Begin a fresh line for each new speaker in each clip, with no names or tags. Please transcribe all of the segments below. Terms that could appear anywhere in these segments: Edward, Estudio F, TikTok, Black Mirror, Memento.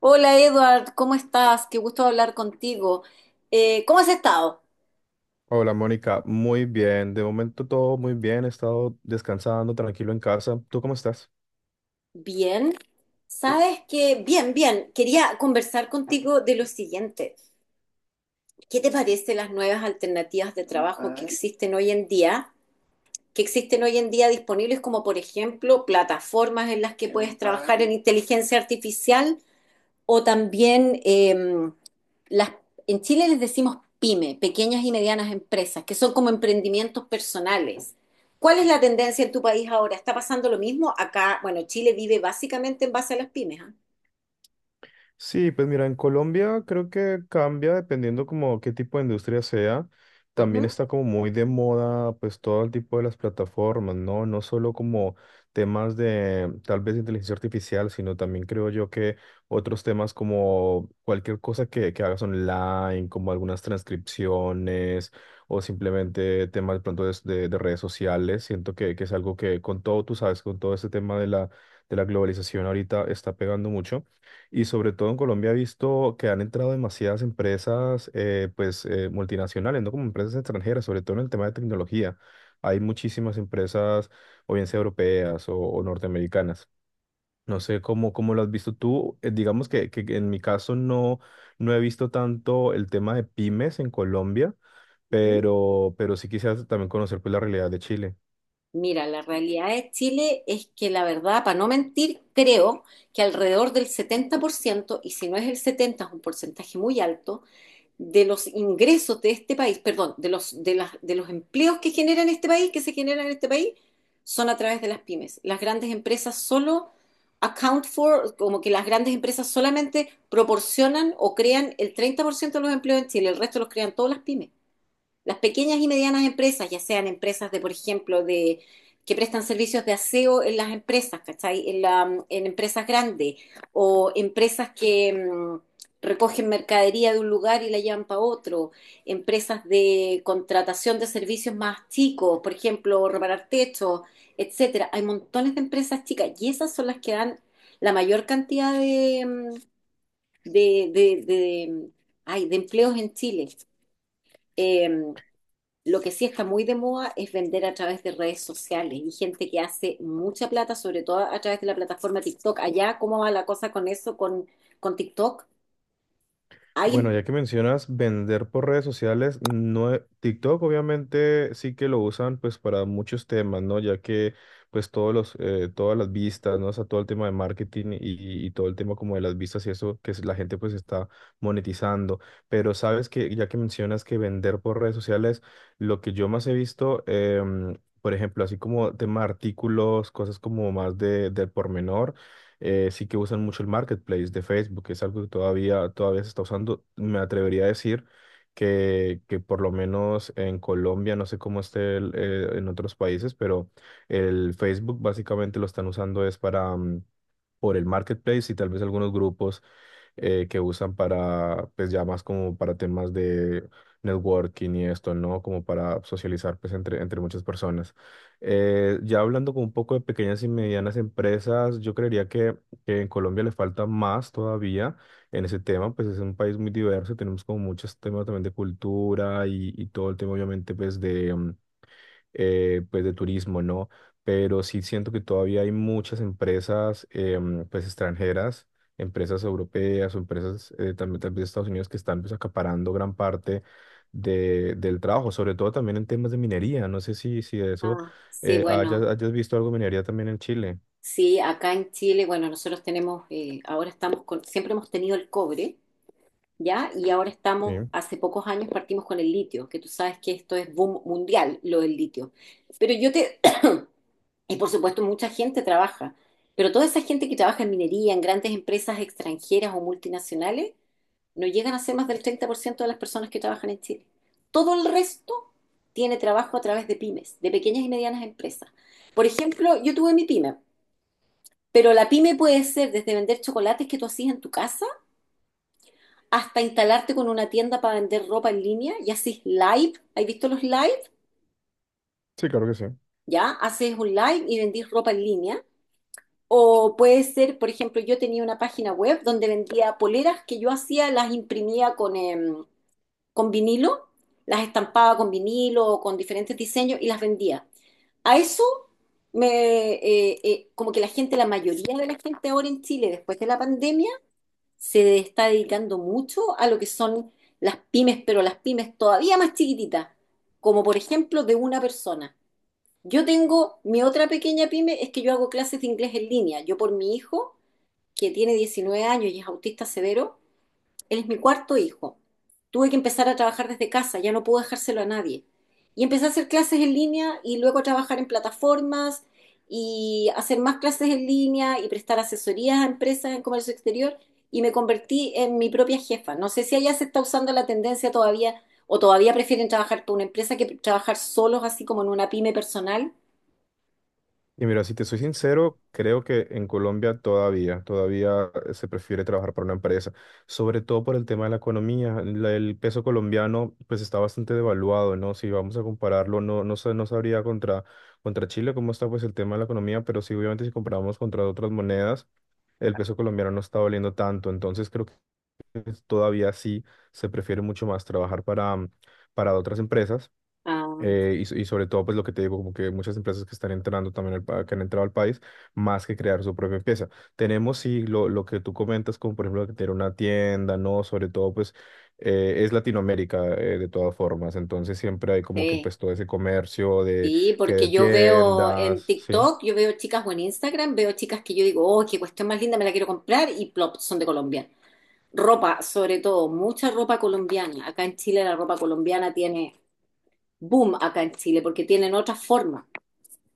Hola Edward, ¿cómo estás? Qué gusto hablar contigo. ¿Cómo has estado?
Hola Mónica, muy bien. De momento todo muy bien. He estado descansando tranquilo en casa. ¿Tú cómo estás?
Bien. Sabes que, quería conversar contigo de lo siguiente. ¿Qué te parece las nuevas alternativas de trabajo que existen hoy en día? Que existen hoy en día disponibles como, por ejemplo, plataformas en las que puedes trabajar en inteligencia artificial o también... em, las, en Chile les decimos pyme, pequeñas y medianas empresas, que son como emprendimientos personales. ¿Cuál es la tendencia en tu país ahora? ¿Está pasando lo mismo? Acá, bueno, Chile vive básicamente en base a las pymes, ¿ah?
Sí, pues mira, en Colombia creo que cambia dependiendo como qué tipo de industria sea. También
Ujú,
está como muy de moda pues todo el tipo de las plataformas, ¿no? No solo como temas de tal vez inteligencia artificial, sino también creo yo que otros temas como cualquier cosa que hagas online, como algunas transcripciones o simplemente temas de pronto de redes sociales. Siento que es algo que con todo, tú sabes, con todo este tema de la globalización ahorita está pegando mucho. Y sobre todo en Colombia he visto que han entrado demasiadas empresas pues, multinacionales, no como empresas extranjeras, sobre todo en el tema de tecnología. Hay muchísimas empresas, o bien sea europeas o norteamericanas. No sé cómo lo has visto tú. Digamos que en mi caso no he visto tanto el tema de pymes en Colombia,
ujú.
pero sí quisiera también conocer pues, la realidad de Chile.
Mira, la realidad de Chile es que la verdad, para no mentir, creo que alrededor del 70%, y si no es el 70, es un porcentaje muy alto, de los ingresos de este país, perdón, de los empleos que se generan en este país, son a través de las pymes. Las grandes empresas solo account for, como que las grandes empresas solamente proporcionan o crean el 30% de los empleos en Chile, el resto los crean todas las pymes. Las pequeñas y medianas empresas, ya sean empresas de, por ejemplo, de que prestan servicios de aseo en las empresas, ¿cachai? En empresas grandes o empresas que recogen mercadería de un lugar y la llevan para otro, empresas de contratación de servicios más chicos, por ejemplo, reparar techos, etcétera. Hay montones de empresas chicas y esas son las que dan la mayor cantidad de, mm, de- ay, de empleos en Chile. Eh, lo que sí está muy de moda es vender a través de redes sociales y gente que hace mucha plata, sobre todo a través de la plataforma TikTok. Allá, ¿cómo va la cosa con eso, con TikTok?
Bueno,
¿Alguien?
ya que mencionas vender por redes sociales, no, TikTok obviamente sí que lo usan pues para muchos temas, ¿no? Ya que pues todos los, todas las vistas, ¿no? O sea, todo el tema de marketing y todo el tema como de las vistas y eso la gente pues está monetizando. Pero sabes que ya que mencionas que vender por redes sociales, lo que yo más he visto, por ejemplo, así como tema de artículos, cosas como más del pormenor sí que usan mucho el marketplace de Facebook, que es algo que todavía se está usando. Me atrevería a decir que por lo menos en Colombia, no sé cómo esté en otros países, pero el Facebook básicamente lo están usando es para por el marketplace y tal vez algunos grupos que usan para, pues ya más como para temas de networking y esto, ¿no? Como para socializar, pues entre muchas personas. Ya hablando con un poco de pequeñas y medianas empresas, yo creería que en Colombia le falta más todavía en ese tema, pues es un país muy diverso, tenemos como muchos temas también de cultura y todo el tema obviamente pues pues de turismo, ¿no? Pero sí siento que todavía hay muchas empresas pues extranjeras, empresas europeas o empresas también de Estados Unidos que están pues acaparando gran parte del trabajo, sobre todo también en temas de minería. No sé si de eso
Ah, sí,
hayas,
bueno,
hayas visto algo de minería también en Chile.
sí, acá en Chile, bueno, nosotros tenemos, siempre hemos tenido el cobre, ¿ya? Y ahora
Sí,
estamos, hace pocos años partimos con el litio, que tú sabes que esto es boom mundial, lo del litio. Pero yo te, y por supuesto mucha gente trabaja, pero toda esa gente que trabaja en minería, en grandes empresas extranjeras o multinacionales, no llegan a ser más del 30% de las personas que trabajan en Chile. Todo el resto tiene trabajo a través de pymes, de pequeñas y medianas empresas. Por ejemplo, yo tuve mi pyme, pero la pyme puede ser desde vender chocolates que tú hacías en tu casa, hasta instalarte con una tienda para vender ropa en línea y haces live. ¿Has visto los live?
sí, claro que sí.
Ya, haces un live y vendís ropa en línea. O puede ser, por ejemplo, yo tenía una página web donde vendía poleras que yo hacía, las imprimía con, con vinilo, las estampaba con vinilo o con diferentes diseños y las vendía. A eso me, como que la gente, La mayoría de la gente ahora en Chile, después de la pandemia, se está dedicando mucho a lo que son las pymes, pero las pymes todavía más chiquititas, como por ejemplo de una persona. Yo tengo mi otra pequeña pyme, es que yo hago clases de inglés en línea. Yo por mi hijo, que tiene 19 años y es autista severo, él es mi cuarto hijo. Tuve que empezar a trabajar desde casa, ya no puedo dejárselo a nadie. Y empecé a hacer clases en línea y luego a trabajar en plataformas y hacer más clases en línea y prestar asesorías a empresas en comercio exterior y me convertí en mi propia jefa. No sé si allá se está usando la tendencia todavía o todavía prefieren trabajar por una empresa que trabajar solos así como en una pyme personal.
Y mira, si te soy sincero, creo que en Colombia todavía se prefiere trabajar para una empresa, sobre todo por el tema de la economía. El peso colombiano pues está bastante devaluado, ¿no? Si vamos a compararlo, no sabría contra Chile cómo está pues el tema de la economía, pero sí obviamente si comparamos contra otras monedas, el peso colombiano no está valiendo tanto. Entonces creo que todavía sí se prefiere mucho más trabajar para otras empresas
Ah,
y sobre todo, pues lo que te digo, como que muchas empresas que están entrando también, que han entrado al país, más que crear su propia empresa. Tenemos, sí, lo que tú comentas, como por ejemplo, que tener una tienda, ¿no? Sobre todo, pues, es Latinoamérica, de todas formas. Entonces, siempre hay como que,
sí.
pues, todo ese comercio
Sí,
que de
porque yo veo en
tiendas, ¿sí?
TikTok, yo veo chicas o en Instagram, veo chicas que yo digo, oh, qué cuestión más linda, me la quiero comprar y plop, son de Colombia. Ropa, sobre todo, mucha ropa colombiana. Acá en Chile la ropa colombiana tiene boom acá en Chile porque tienen otra forma.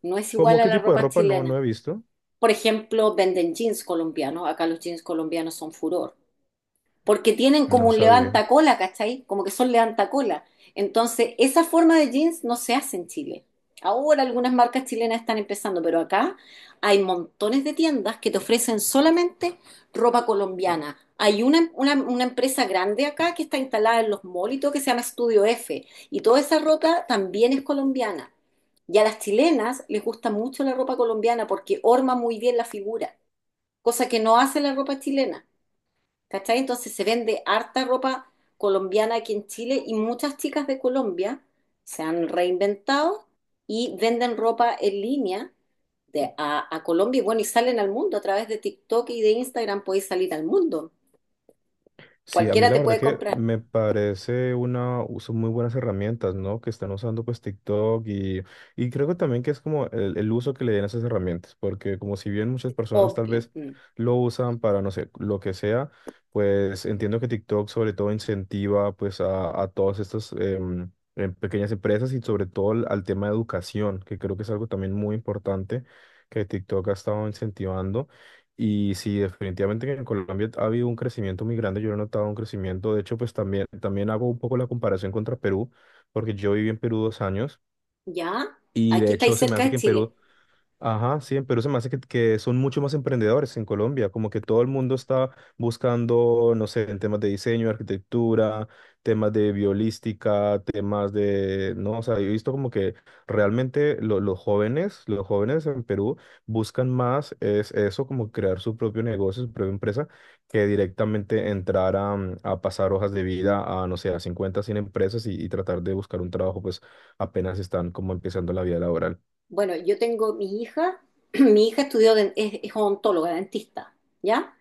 No es igual
¿Cómo
a
qué
la
tipo de
ropa
ropa? No, no
chilena.
he visto.
Por ejemplo, venden jeans colombianos. Acá los jeans colombianos son furor porque tienen como
No
un
sabía.
levantacola, ¿cachai? Como que son levantacola. Entonces, esa forma de jeans no se hace en Chile. Ahora algunas marcas chilenas están empezando, pero acá hay montones de tiendas que te ofrecen solamente ropa colombiana. Hay una empresa grande acá que está instalada en los malls y todo, que se llama Estudio F, y toda esa ropa también es colombiana. Y a las chilenas les gusta mucho la ropa colombiana porque orma muy bien la figura, cosa que no hace la ropa chilena. ¿Cachai? Entonces se vende harta ropa colombiana aquí en Chile y muchas chicas de Colombia se han reinventado y venden ropa en línea a Colombia y bueno, y salen al mundo a través de TikTok y de Instagram podéis salir al mundo.
Sí, a mí
Cualquiera
la
te
verdad
puede
que
comprar,
me parece son muy buenas herramientas, ¿no? Que están usando pues TikTok y creo que también que es como el uso que le den a esas herramientas, porque como si bien muchas personas tal
obvio.
vez
Mm.
lo usan para, no sé, lo que sea, pues entiendo que TikTok sobre todo incentiva pues a todas estas pequeñas empresas y sobre todo al tema de educación, que creo que es algo también muy importante que TikTok ha estado incentivando. Y sí, definitivamente que en Colombia ha habido un crecimiento muy grande, yo lo he notado un crecimiento, de hecho, pues también hago un poco la comparación contra Perú, porque yo viví en Perú 2 años
¿Ya?
y
Aquí
de
estáis
hecho se me
cerca
hace
de
que en
Chile.
Perú. Ajá, sí, en Perú se me hace que son mucho más emprendedores en Colombia, como que todo el mundo está buscando, no sé, en temas de diseño, arquitectura, temas de biolística, temas de, no, o sea, yo he visto como que realmente los jóvenes en Perú buscan más es eso, como crear su propio negocio, su propia empresa, que directamente entrar a pasar hojas de vida a, no sé, a 50 100 empresas y tratar de buscar un trabajo, pues apenas están como empezando la vida laboral.
Bueno, yo tengo mi hija, mi hija estudió, es odontóloga, dentista, ¿ya?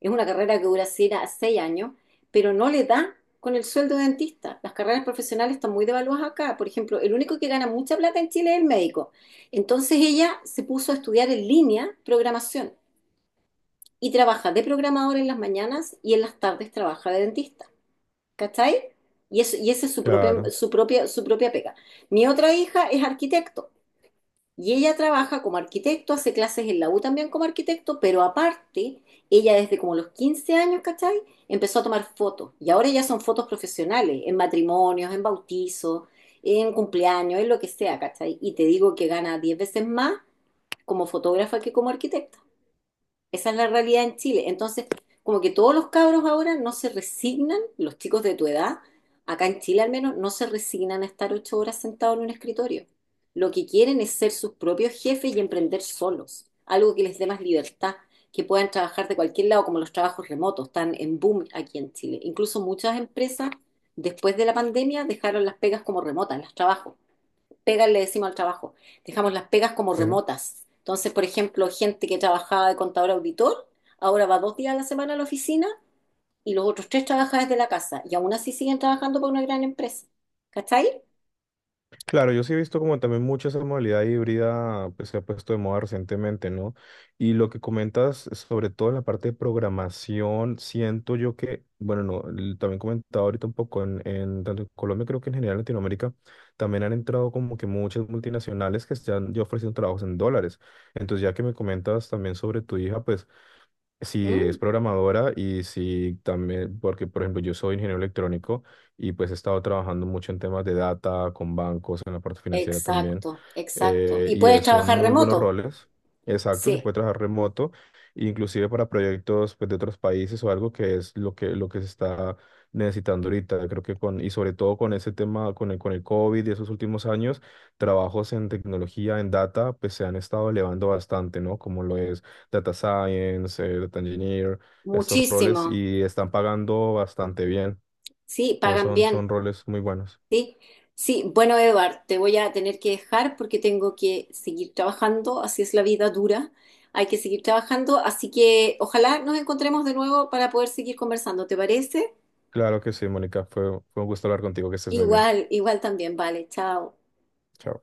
Es una carrera que dura 6 años, pero no le da con el sueldo de dentista. Las carreras profesionales están muy devaluadas acá. Por ejemplo, el único que gana mucha plata en Chile es el médico. Entonces ella se puso a estudiar en línea programación y trabaja de programador en las mañanas y en las tardes trabaja de dentista. ¿Cachai? Y, eso, y esa es su propia,
Claro.
su propia, su propia pega. Mi otra hija es arquitecto. Y ella trabaja como arquitecto, hace clases en la U también como arquitecto, pero aparte, ella desde como los 15 años, ¿cachai? Empezó a tomar fotos. Y ahora ya son fotos profesionales, en matrimonios, en bautizos, en cumpleaños, en lo que sea, ¿cachai? Y te digo que gana 10 veces más como fotógrafa que como arquitecta. Esa es la realidad en Chile. Entonces, como que todos los cabros ahora no se resignan, los chicos de tu edad, acá en Chile al menos, no se resignan a estar 8 horas sentados en un escritorio. Lo que quieren es ser sus propios jefes y emprender solos, algo que les dé más libertad, que puedan trabajar de cualquier lado, como los trabajos remotos, están en boom aquí en Chile. Incluso muchas empresas, después de la pandemia, dejaron las pegas como remotas, las trabajos pegas le decimos al trabajo, dejamos las pegas como
Sí.
remotas. Entonces, por ejemplo, gente que trabajaba de contador auditor, ahora va 2 días a la semana a la oficina y los otros tres trabaja desde la casa y aún así siguen trabajando para una gran empresa. ¿Cachai?
Claro, yo sí he visto como también mucho esa modalidad híbrida pues, se ha puesto de moda recientemente, ¿no? Y lo que comentas, sobre todo en la parte de programación, siento yo que, bueno, no, también comentaba ahorita un poco en tanto en Colombia, creo que en general en Latinoamérica, también han entrado como que muchas multinacionales que están ya ofreciendo trabajos en dólares. Entonces, ya que me comentas también sobre tu hija, pues si es
Mm,
programadora y si también, porque por ejemplo yo soy ingeniero electrónico y pues he estado trabajando mucho en temas de data, con bancos, en la parte financiera también,
exacto, exacto.
eh,
Y
y eh,
puedes
son
trabajar
muy buenos
remoto.
roles, exacto, se
Sí,
puede trabajar remoto, inclusive para proyectos pues, de otros países o algo que es lo que, se está necesitando ahorita, creo que y sobre todo con ese tema, con el COVID y esos últimos años, trabajos en tecnología, en data, pues se han estado elevando bastante, ¿no? Como lo es data science, data engineer, estos roles
muchísimo.
y están pagando bastante bien.
Sí,
Entonces
pagan
son,
bien.
son roles muy buenos.
Sí, sí, bueno, Edward, te voy a tener que dejar porque tengo que seguir trabajando, así es la vida dura, hay que seguir trabajando, así que ojalá nos encontremos de nuevo para poder seguir conversando, ¿te parece?
Claro que sí, Mónica, fue un gusto hablar contigo, que estés muy bien.
Igual, igual también, vale, chao.
Chao.